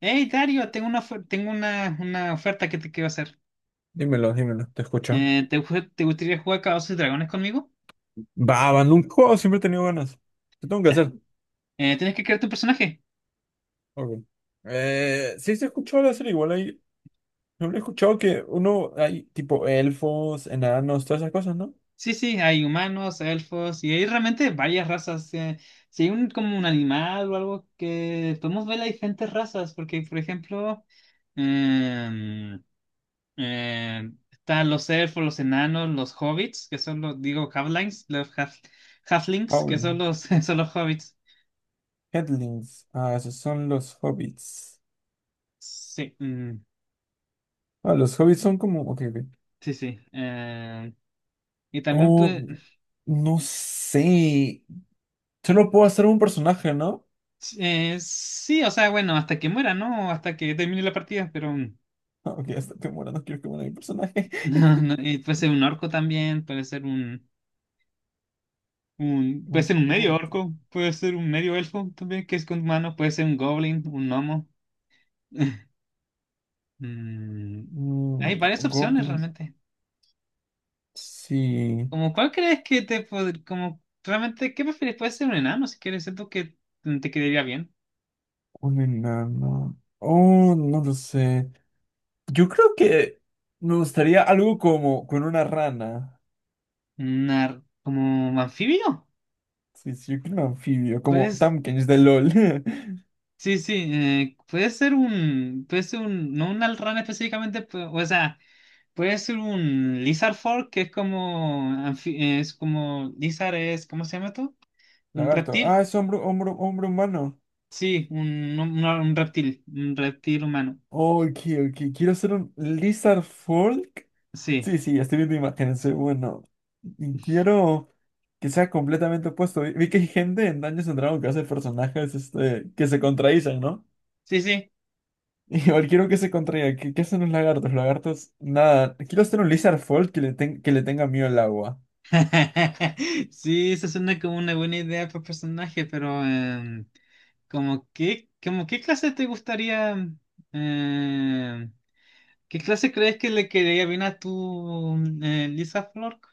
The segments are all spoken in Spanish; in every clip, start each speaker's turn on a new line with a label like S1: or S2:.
S1: Hey, Dario, tengo tengo una oferta que te quiero hacer.
S2: Dímelo, dímelo, te escucho.
S1: Te gustaría jugar Calabozos y Dragones conmigo?
S2: Va, va, nunca he jugado, siempre he tenido ganas. ¿Qué tengo que
S1: Ya.
S2: hacer?
S1: Tienes que crear tu personaje.
S2: Ok. Sí, se escuchó de hacer igual ahí. Siempre he escuchado que uno hay tipo elfos, enanos, todas esas cosas, ¿no?
S1: Sí, sí, hay humanos, elfos y hay realmente varias razas. Si hay un, como un animal o algo que podemos ver las diferentes razas, porque por ejemplo, em, están los elfos, los enanos, los hobbits, que son los, digo, halflings, halflings, que
S2: Howl,
S1: son los, son los hobbits.
S2: Headlings. Ah, esos son los hobbits.
S1: Sí, mm,
S2: Ah, los hobbits son como. Ok, ok.
S1: sí, sí. Y también,
S2: Oh,
S1: pues,
S2: no sé. Solo puedo hacer un personaje, ¿no?
S1: sí, o sea, bueno, hasta que muera, ¿no? O hasta que termine la partida, pero
S2: Ah, ok, hasta que muera, no quiero que muera mi personaje.
S1: no, no, puede ser un orco también, puede
S2: Un
S1: ser un medio
S2: orco.
S1: orco, puede ser un medio elfo también, que es con humanos, puede ser un goblin, un gnomo. Mm, hay
S2: Mm,
S1: varias
S2: no,
S1: opciones
S2: goblin.
S1: realmente.
S2: Sí.
S1: Como, ¿cuál crees que te pod- como, realmente, qué prefieres? Puede ser un enano, si quieres, siento que te quedaría bien.
S2: Un enano. Oh, no lo sé. Yo creo que me gustaría algo como con una rana.
S1: Como anfibio.
S2: Sí, sí, yo creo un anfibio, como
S1: Pues
S2: Tamkins de LOL.
S1: sí, sí, no un Alran específicamente, o sea, puede ser un Lizard Folk, que es como, es como, Lizard es, ¿cómo se llama esto? Un
S2: Lagarto.
S1: reptil,
S2: Ah, es hombro, hombro, hombro humano.
S1: sí, un reptil humano,
S2: Ok, ok. Quiero ser un Lizard Folk.
S1: sí,
S2: Sí, sí, estoy viendo imágenes. Bueno, y quiero que sea completamente opuesto. Vi que hay gente en Dungeons and Dragons que hace personajes este, que se contradicen, ¿no?
S1: sí, sí.
S2: Igual quiero que se contraiga. ¿Qué, qué hacen los lagartos? Los lagartos, nada. Quiero hacer un lizard fold que que le tenga miedo al agua.
S1: Sí, eso suena como una buena idea para personaje, pero como qué clase te gustaría, em, ¿qué clase crees que le quedaría bien a tu Lisa Flork?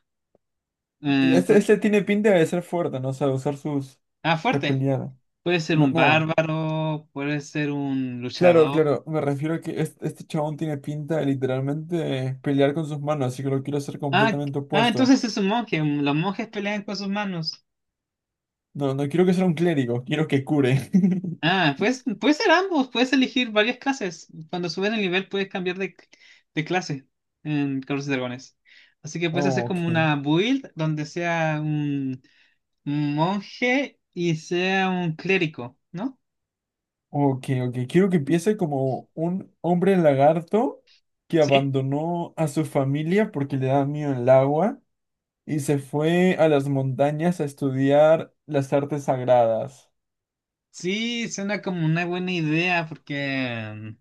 S1: Eh,
S2: Este,
S1: por-
S2: este tiene pinta de ser fuerte, ¿no? O sea, de usar sus
S1: ah,
S2: de
S1: fuerte.
S2: pelear.
S1: Puede ser
S2: No,
S1: un
S2: no.
S1: bárbaro, puede ser un
S2: Claro,
S1: luchador.
S2: claro. Me refiero a que este chabón tiene pinta de literalmente pelear con sus manos, así que lo quiero hacer
S1: Ah,
S2: completamente
S1: ah,
S2: opuesto.
S1: entonces es un monje. Los monjes pelean con sus manos.
S2: No, no quiero que sea un clérigo, quiero que cure.
S1: Ah, pues puede ser ambos, puedes elegir varias clases. Cuando subes de nivel puedes cambiar de clase en Carlos y Dragones. Así que puedes hacer
S2: Oh, ok.
S1: como una build donde sea un monje y sea un clérigo, ¿no?
S2: Ok, ok. Quiero que empiece como un hombre lagarto que
S1: ¿Sí?
S2: abandonó a su familia porque le da miedo el agua y se fue a las montañas a estudiar las artes sagradas.
S1: Sí, suena como una buena idea porque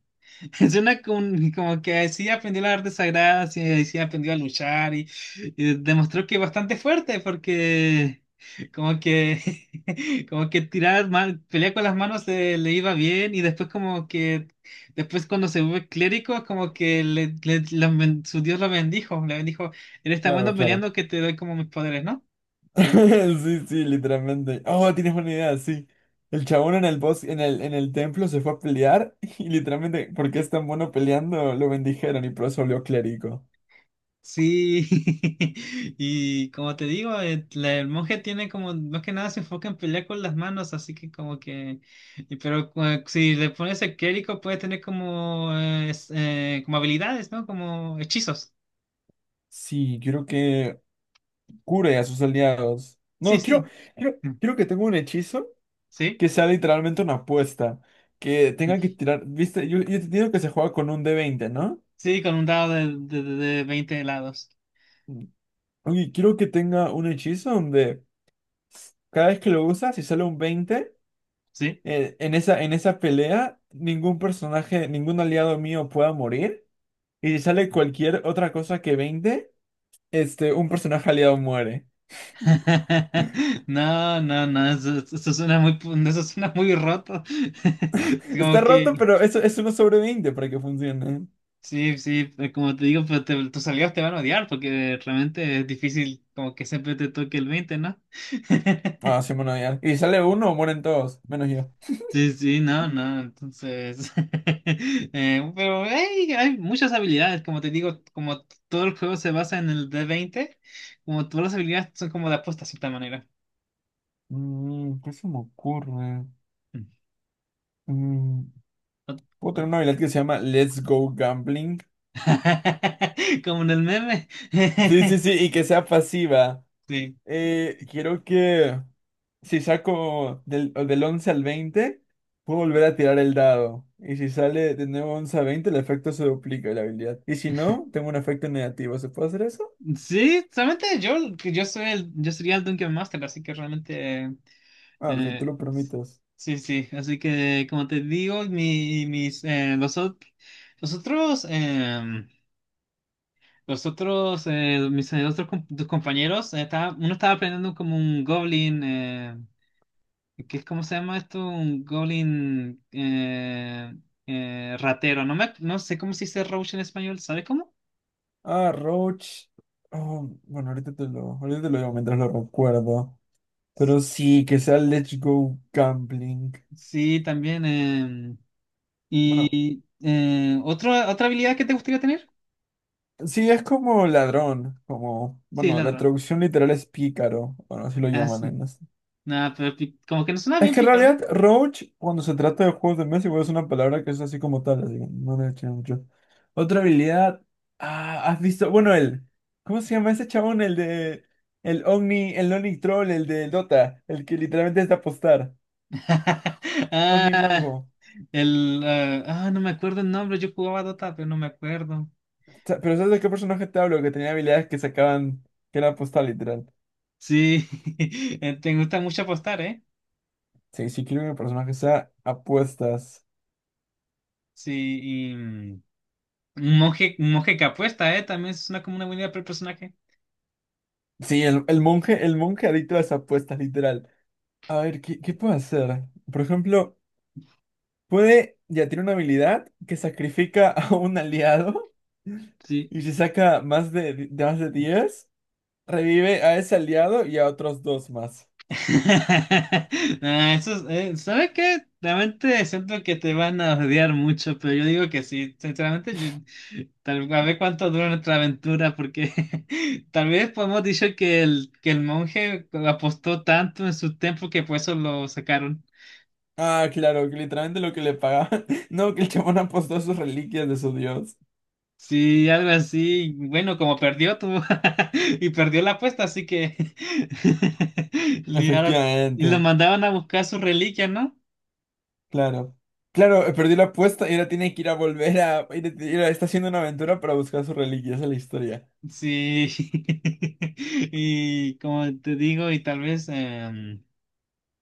S1: suena como, como que sí aprendió la arte sagrada, sí, sí aprendió a luchar y demostró que es bastante fuerte porque como que como que tirar mal, pelear con las manos le iba bien y después como que después cuando se vuelve clérigo como que su Dios lo bendijo, le bendijo, eres tan
S2: Claro,
S1: bueno
S2: claro.
S1: peleando que te doy como mis poderes, ¿no?
S2: Sí, sí, literalmente. Oh, tienes buena idea, sí. El chabón en el bosque, en el templo se fue a pelear y literalmente, porque es tan bueno peleando, lo bendijeron y por eso volvió clérigo.
S1: Sí, y como te digo, el monje tiene como, más que nada se enfoca en pelear con las manos, así que como que, y pero si le pones el clérigo puede tener como, como habilidades, ¿no? Como hechizos.
S2: Sí, quiero que cure a sus aliados.
S1: Sí,
S2: No, quiero,
S1: sí.
S2: quiero,
S1: Mm.
S2: quiero que tenga un hechizo.
S1: Sí,
S2: Que sea literalmente una apuesta, que tengan que tirar, viste, yo te digo que se juega con un d veinte, ¿no?
S1: sí, con un dado de 20 helados.
S2: Oye, quiero que tenga un hechizo donde cada vez que lo usas, si sale un 20
S1: Sí.
S2: en esa pelea, ningún personaje, ningún aliado mío pueda morir. Y si sale cualquier otra cosa que 20 este, un personaje aliado muere.
S1: No, no, no, eso suena muy, eso suena muy roto.
S2: Está
S1: Como
S2: roto,
S1: que...
S2: pero eso es uno sobre 20 para que funcione.
S1: Sí, sí, como te digo, pues, tus amigos te van a odiar porque realmente es difícil como que siempre te toque el 20, ¿no?
S2: Ah, sí, bueno, ya. Y si sale uno, mueren todos, menos yo.
S1: Sí, sí, no, no, entonces, pero hey, hay muchas habilidades, como te digo, todo el juego se basa en el D20, como todas las habilidades son como de apuesta, de cierta manera.
S2: Mm, ¿qué se me ocurre?
S1: Mm.
S2: Mm,
S1: Ot-
S2: puedo tener
S1: ot-
S2: una habilidad que se llama Let's Go Gambling.
S1: Como en el meme.
S2: Sí, sí, sí, y que sea pasiva.
S1: Sí.
S2: Quiero que si saco del 11 al 20, puedo volver a tirar el dado. Y si sale de nuevo 11 a 20, el efecto se duplica de la habilidad. Y si no, tengo un efecto negativo. ¿Se puede hacer eso?
S1: Sí, solamente yo, que yo soy el, yo sería el Dungeon Master, así que realmente,
S2: Ah, ok, tú
S1: eh,
S2: lo permites.
S1: sí, sí, así que como te digo, mis, los otros, mis tus compañeros, uno estaba aprendiendo como un goblin, que es cómo se llama esto, un goblin ratero, no sé cómo se dice roach en español, ¿sabes cómo?
S2: Ah, Roach. Oh, bueno, ahorita te lo digo mientras lo recuerdo. Pero sí, que sea Let's Go Gambling.
S1: Sí, también.
S2: Bueno,
S1: ¿Y otra habilidad que te gustaría tener?
S2: sí, es como ladrón, como,
S1: Sí,
S2: bueno, la
S1: ladrón.
S2: traducción literal es pícaro, bueno, así lo
S1: Ah, s-
S2: llaman en las-
S1: Nada, pero como que no suena
S2: Es
S1: bien
S2: que en
S1: picarón.
S2: realidad Roach, cuando se trata de juegos de mesa, igual es una palabra que es así como tal, así que no le eché mucho. Otra habilidad, ah, has visto, bueno, el, ¿cómo se llama ese chabón? El de, el Omni Troll, el de Dota, el que literalmente es de apostar,
S1: Ah,
S2: Omni Mago.
S1: el, ah, no me acuerdo el nombre, yo jugaba Dota, pero no me acuerdo.
S2: Sa- Pero ¿sabes de qué personaje te hablo? Que tenía habilidades que sacaban, que era apostar literal.
S1: Sí, te gusta mucho apostar, ¿eh?
S2: Sí, sí quiero que mi personaje sea apuestas.
S1: Sí, y un monje que apuesta, ¿eh? También suena como una buena idea para el personaje.
S2: Sí, el monje, el monje adicto a las apuestas, literal. A ver, ¿qué, qué puede hacer? Por ejemplo, puede, ya tiene una habilidad que sacrifica a un aliado
S1: Sí.
S2: y si saca de más de 10 revive a ese aliado y a otros dos más.
S1: Ah, ¿sabes qué? Realmente siento que te van a odiar mucho, pero yo digo que sí. Sinceramente, tal, a ver cuánto dura nuestra aventura, porque tal vez podemos dicho que que el monje apostó tanto en su templo que por eso lo sacaron.
S2: Ah, claro, que literalmente lo que le pagaban. No, que el chabón apostó sus reliquias de su dios.
S1: Sí, algo así. Bueno, como perdió y perdió la apuesta, así que y ahora- y lo
S2: Efectivamente,
S1: mandaban a buscar su reliquia, ¿no?
S2: claro. Claro, perdió la apuesta y ahora tiene que ir a volver a... ir a- ir a- Está haciendo una aventura para buscar sus reliquias, esa la historia.
S1: Sí, y como te digo, y tal vez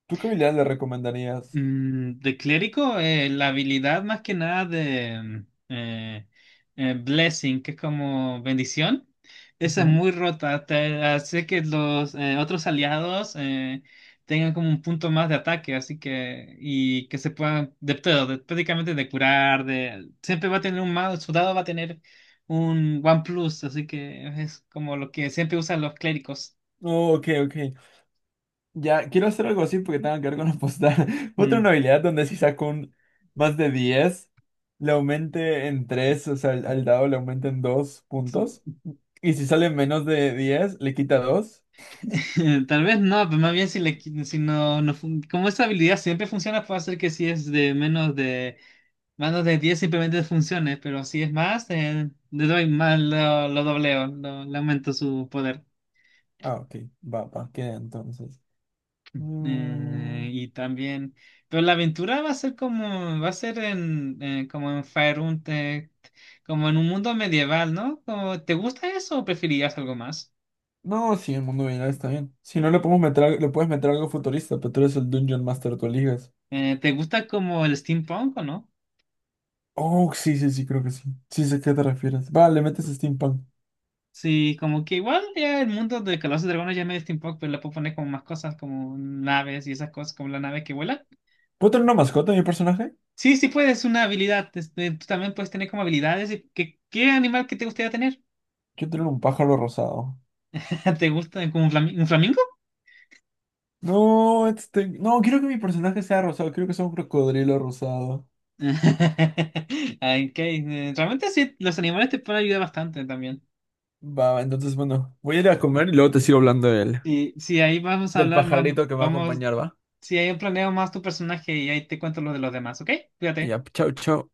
S2: ¿Tú qué habilidad le recomendarías?
S1: mm, de clérigo, la habilidad más que nada de blessing, que es como bendición, esa es
S2: Ujú.
S1: muy rota, te hace que los otros aliados tengan como un punto más de ataque, así que, y que se puedan, de todo, prácticamente de curar, de, siempre va a tener un más, su dado va a tener un one plus, así que es como lo que siempre usan los clérigos.
S2: Oh, ok, ok. Ya, quiero hacer algo así porque tengo que ver con apostar. Otra una
S1: Mm.
S2: habilidad donde si saco un más de 10 le aumente en 3, o sea, al dado le aumenten 2
S1: Sí.
S2: puntos. Y si sale menos de 10 le quita 2.
S1: Tal vez no, pero más bien si, si no, como esa habilidad siempre funciona, puede hacer que si es de menos de 10 simplemente funcione, pero si es más, le doy más, lo dobleo, le aumento su poder.
S2: Ah, ok, va, va, queda entonces. Mm,
S1: Eh, y también, pero la aventura va a ser como, va a ser en, como en Faerun, como en un mundo medieval, ¿no? Como, ¿te gusta eso o preferirías algo más?
S2: no, sí, el mundo binario está bien. Si no, le podemos meter, al- le puedes meter algo futurista, pero tú eres el Dungeon Master, tú eliges.
S1: ¿Te gusta como el steampunk o no?
S2: Oh, sí, sí, sí, creo que sí. Sí sé a qué te refieres. Va, le metes steampunk.
S1: Sí, como que igual ya el mundo de Calabozos y Dragones ya medio steampunk, pero le puedo poner como más cosas como naves y esas cosas, como la nave que vuela.
S2: ¿Puedo tener una mascota, en mi personaje?
S1: Sí, sí puedes, una habilidad. Este, tú también puedes tener como habilidades. Y ¿qué, qué animal que te gustaría tener?
S2: Quiero tener un pájaro rosado.
S1: ¿Te gusta como un, un flamingo?
S2: No, este... No, quiero que mi personaje sea rosado. Quiero que sea un crocodrilo rosado.
S1: Ay, ok, realmente sí, los animales te pueden ayudar bastante también.
S2: Va, va, entonces, bueno, voy a ir a comer y luego te sigo hablando de él.
S1: Y sí, ahí vamos a
S2: Del
S1: hablar más,
S2: pajarito que me va a
S1: vamos,
S2: acompañar, ¿va?
S1: si ahí planeo más tu personaje y ahí te cuento lo de los demás, ¿ok?
S2: Y
S1: Cuídate.
S2: ya, chau, chau.